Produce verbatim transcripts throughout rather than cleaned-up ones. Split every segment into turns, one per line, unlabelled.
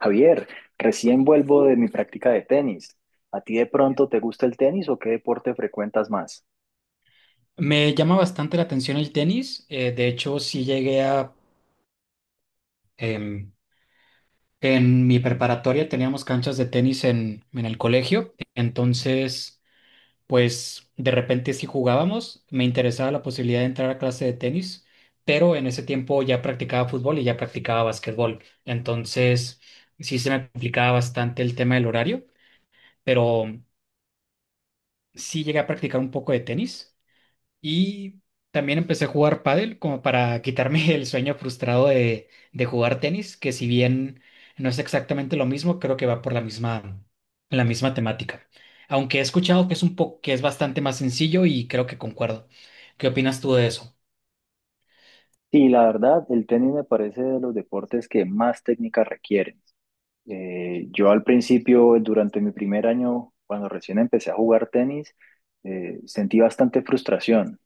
Javier, recién vuelvo de mi práctica de tenis. ¿A ti de pronto te gusta el tenis o qué deporte frecuentas más?
Me llama bastante la atención el tenis. Eh, de hecho, sí llegué a... em, en mi preparatoria teníamos canchas de tenis en, en el colegio. Entonces, pues de repente sí jugábamos. Me interesaba la posibilidad de entrar a clase de tenis, pero en ese tiempo ya practicaba fútbol y ya practicaba básquetbol. Entonces, sí se me complicaba bastante el tema del horario, pero sí llegué a practicar un poco de tenis. Y también empecé a jugar pádel como para quitarme el sueño frustrado de, de jugar tenis, que si bien no es exactamente lo mismo, creo que va por la misma, la misma temática. Aunque he escuchado que es un poco, que es bastante más sencillo y creo que concuerdo. ¿Qué opinas tú de eso?
Sí, la verdad, el tenis me parece de los deportes que más técnica requieren. Eh, yo al principio, durante mi primer año, cuando recién empecé a jugar tenis, eh, sentí bastante frustración,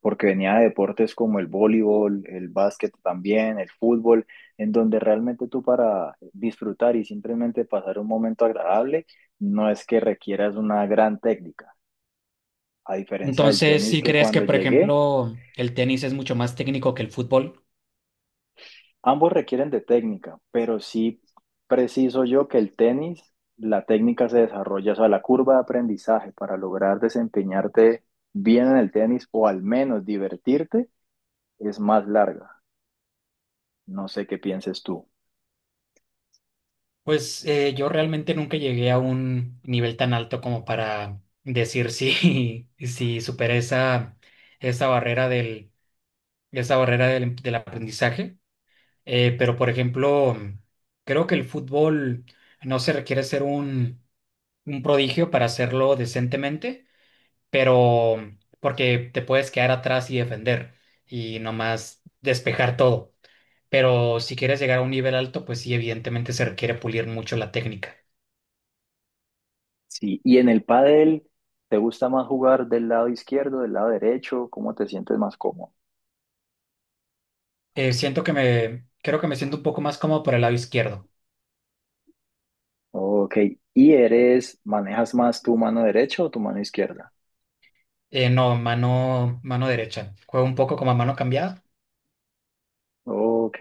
porque venía de deportes como el voleibol, el básquet también, el fútbol, en donde realmente tú para disfrutar y simplemente pasar un momento agradable, no es que requieras una gran técnica, a diferencia del
Entonces,
tenis
si
que
crees que,
cuando
por
llegué.
ejemplo, el tenis es mucho más técnico que el fútbol,
Ambos requieren de técnica, pero sí preciso yo que el tenis, la técnica se desarrolla, o sea, la curva de aprendizaje para lograr desempeñarte bien en el tenis o al menos divertirte es más larga. No sé qué pienses tú.
pues eh, yo realmente nunca llegué a un nivel tan alto como para decir si, si superé esa, esa barrera del esa barrera del, del aprendizaje. Eh, pero, por ejemplo, creo que el fútbol no se requiere ser un, un prodigio para hacerlo decentemente, pero porque te puedes quedar atrás y defender y nomás despejar todo. Pero si quieres llegar a un nivel alto, pues sí, evidentemente se requiere pulir mucho la técnica.
Sí, y en el pádel, ¿te gusta más jugar del lado izquierdo, del lado derecho? ¿Cómo te sientes más cómodo?
Eh, siento que me, creo que me siento un poco más cómodo por el lado izquierdo.
Ok, ¿y eres, manejas más tu mano derecha o tu mano izquierda?
Eh, no, mano, mano derecha. Juego un poco como a mano cambiada.
Ok.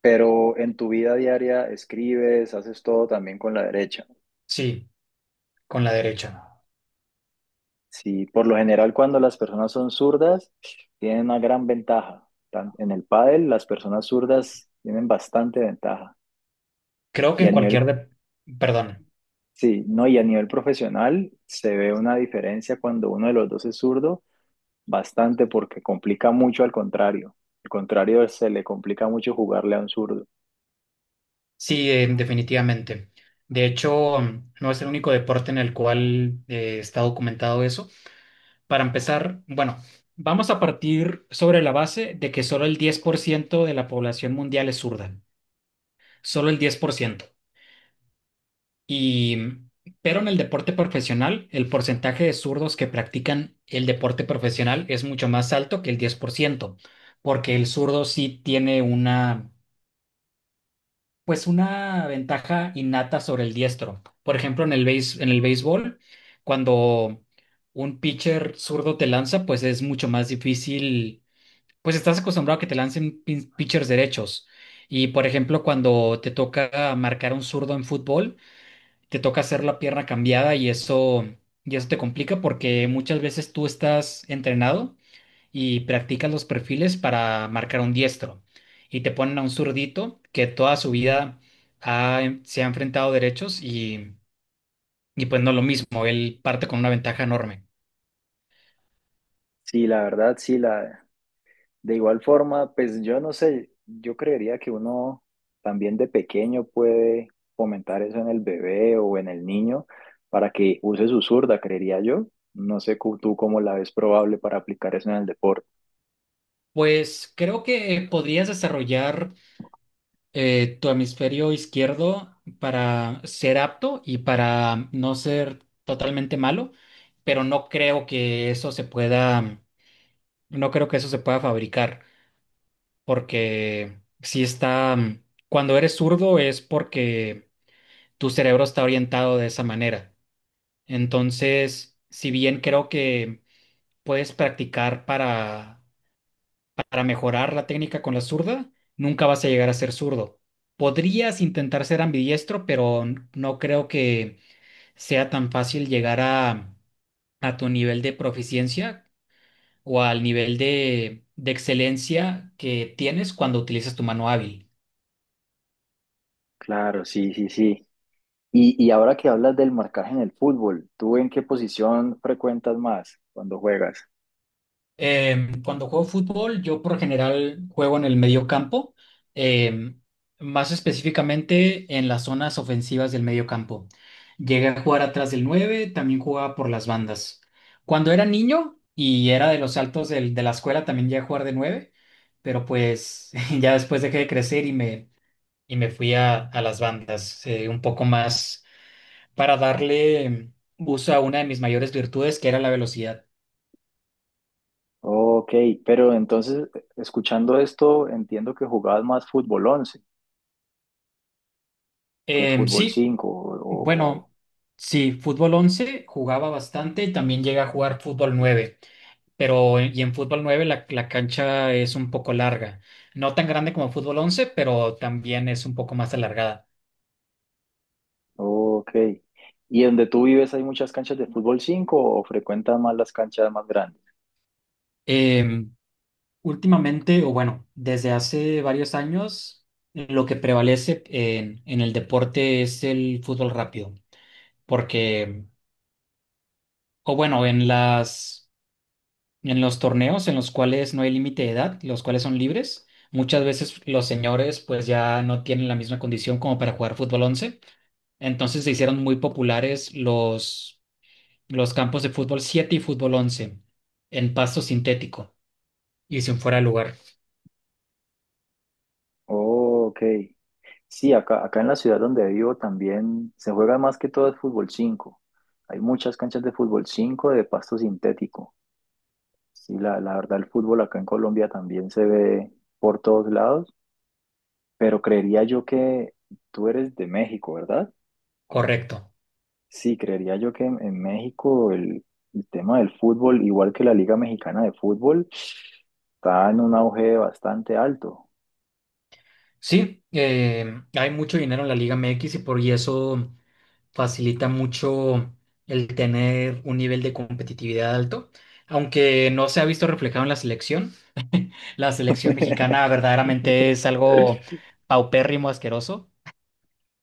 Pero en tu vida diaria escribes, haces todo también con la derecha.
Sí, con la derecha.
Sí, por lo general cuando las personas son zurdas tienen una gran ventaja. Tan- En el pádel las personas zurdas tienen bastante ventaja.
Creo que
Y
en
a
cualquier
nivel,
de- Perdón,
sí, no, y a nivel profesional se ve una diferencia cuando uno de los dos es zurdo, bastante porque complica mucho al contrario. Al contrario, se le complica mucho jugarle a un zurdo.
sí, eh, definitivamente. De hecho, mm, no es el único deporte en el cual eh, está documentado eso. Para empezar, bueno, vamos a partir sobre la base de que solo el diez por ciento de la población mundial es zurda. Solo el diez por ciento. Y, mm, pero en el deporte profesional, el porcentaje de zurdos que practican el deporte profesional es mucho más alto que el diez por ciento, porque el zurdo sí tiene una pues una ventaja innata sobre el diestro. Por ejemplo, en el béis- en el béisbol, cuando un pitcher zurdo te lanza, pues es mucho más difícil, pues estás acostumbrado a que te lancen pin- pitchers derechos. Y por ejemplo, cuando te toca marcar a un zurdo en fútbol, te toca hacer la pierna cambiada y eso, y eso te complica porque muchas veces tú estás entrenado y practicas los perfiles para marcar un diestro. Y te ponen a un zurdito que toda su vida ha- em, se ha enfrentado derechos y, y pues no lo mismo, él parte con una ventaja enorme.
Sí, la verdad, sí, la, de igual forma, pues yo no sé, yo creería que uno también de pequeño puede fomentar eso en el bebé o en el niño para que use su zurda, creería yo. No sé cu- tú cómo la ves probable para aplicar eso en el deporte.
Pues creo que podrías desarrollar eh, tu hemisferio izquierdo para ser apto y para no ser totalmente malo, pero no creo que eso se pueda, no creo que eso se pueda fabricar. Porque si está, mm, cuando eres zurdo es porque tu cerebro está orientado de esa manera. Entonces, si bien creo que puedes practicar para, para mejorar la técnica con la zurda, nunca vas a llegar a ser zurdo. Podrías intentar ser ambidiestro, pero no creo que sea tan fácil llegar a, a tu nivel de proficiencia o al nivel de, de excelencia que tienes cuando utilizas tu mano hábil.
Claro, sí, sí, sí. Y, y ahora que hablas del marcaje en el fútbol, ¿tú en qué posición frecuentas más cuando juegas?
Em, cuando juego fútbol, yo por lo general juego en el medio campo, em, más específicamente en las zonas ofensivas del medio campo. Llegué a jugar atrás del nueve, también jugaba por las bandas. Cuando era niño y era de los altos del- de la escuela, también llegué a jugar de nueve, pero pues ya después dejé de crecer y me, y me fui a, a las bandas, eh, un poco más para darle em, uso a una de mis mayores virtudes, que era la velocidad.
Ok, pero entonces, escuchando esto, entiendo que jugabas más fútbol once que
Em,
fútbol
sí.
cinco o, o-
Bueno, sí, fútbol once jugaba bastante y también llega a jugar fútbol nueve. Pero y en fútbol nueve la, la cancha es un poco larga, no tan grande como fútbol once, pero también es un poco más alargada.
Ok. ¿Y donde tú vives hay muchas canchas de fútbol cinco o frecuentas más las canchas más grandes?
Eh, Últimamente, o bueno, desde hace varios años, lo que prevalece en, en el deporte es el fútbol rápido, porque, o bueno, en las... En los torneos en los cuales no hay límite de edad, los cuales son libres, muchas veces los señores pues ya no tienen la misma condición como para jugar fútbol once. Entonces se hicieron muy populares los, los campos de fútbol siete y fútbol once en pasto sintético y sin fuera de lugar.
Ok. Sí, acá, acá en la ciudad donde vivo también se juega más que todo el fútbol cinco. Hay muchas canchas de fútbol cinco de pasto sintético. Sí, la, la verdad el fútbol acá en Colombia también se ve por todos lados, pero creería yo que tú eres de México, ¿verdad?
Correcto.
Sí, creería yo que en, en México el, el tema del fútbol, igual que la Liga Mexicana de Fútbol, está en un auge bastante alto.
Sí, eh, hay mucho dinero en la Liga M X y por y eso facilita mucho el tener un nivel de competitividad alto, aunque no se ha visto reflejado en la selección. La selección mexicana verdaderamente es algo paupérrimo, asqueroso,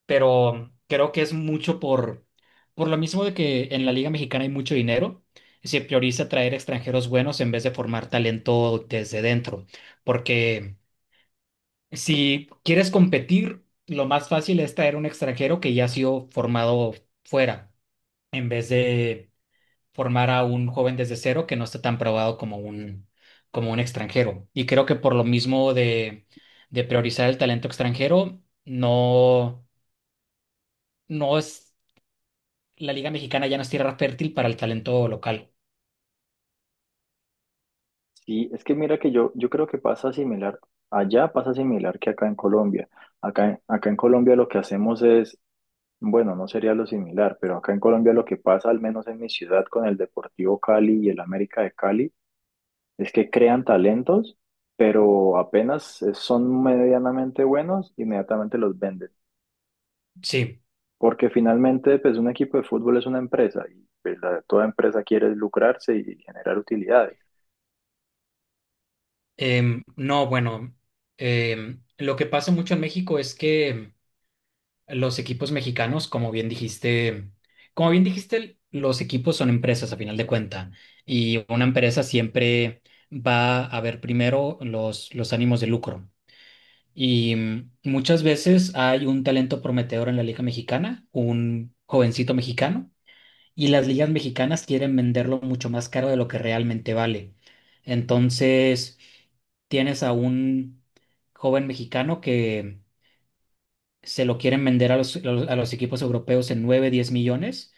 pero creo que es mucho por, por lo mismo de que en la Liga Mexicana hay mucho dinero. Se prioriza traer extranjeros buenos en vez de formar talento desde dentro, porque si quieres competir, lo más fácil es traer un extranjero que ya ha sido formado fuera en vez de formar a un joven desde cero que no está tan probado como un, como un extranjero. Y creo que por lo mismo de, de priorizar el talento extranjero, no, no es, la Liga Mexicana ya no es tierra fértil para el talento local.
Sí, es que mira que yo, yo creo que pasa similar, allá pasa similar que acá en Colombia. Acá, en- acá en Colombia lo que hacemos es, bueno, no sería lo similar, pero acá en Colombia lo que pasa, al menos en mi ciudad, con el Deportivo Cali y el América de Cali, es que crean talentos, pero apenas eh, son medianamente buenos, inmediatamente los venden.
Sí.
Porque finalmente, pues un equipo de fútbol es una empresa y pues, la- toda empresa quiere lucrarse y generar utilidades.
Em, no, bueno, em, lo que pasa mucho en México es que los equipos mexicanos, como bien dijiste, como bien dijiste, los equipos son empresas a final de cuenta y una empresa siempre va a ver primero los, los ánimos de lucro. Y mm, muchas veces hay un talento prometedor en la Liga Mexicana, un jovencito mexicano, y las ligas mexicanas quieren venderlo mucho más caro de lo que realmente vale. Entonces, tienes a un joven mexicano que se lo quieren vender a los, a los- a los equipos europeos en nueve diez millones,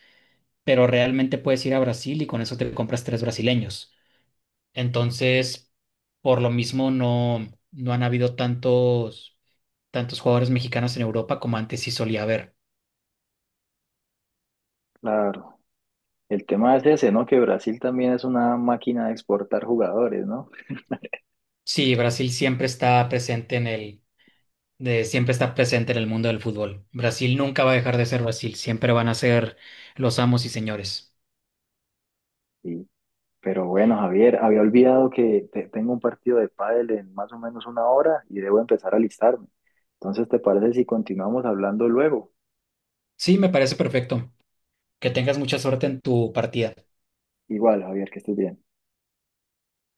pero realmente puedes ir a Brasil y con eso te compras tres brasileños. Entonces, por lo mismo, no, no han habido tantos, tantos jugadores mexicanos en Europa como antes sí solía haber.
Claro. El tema es ese, ¿no? Que Brasil también es una máquina de exportar jugadores, ¿no?
Sí, Brasil siempre está presente en el, de- siempre está presente en el mundo del fútbol. Brasil nunca va a dejar de ser Brasil, siempre van a ser los amos y señores.
Y, pero bueno, Javier, había olvidado que te- tengo un partido de pádel en más o menos una hora y debo empezar a alistarme. Entonces, ¿te parece si continuamos hablando luego?
Sí, me parece perfecto. Que tengas mucha suerte en tu partida.
Igual, Javier, que estés bien.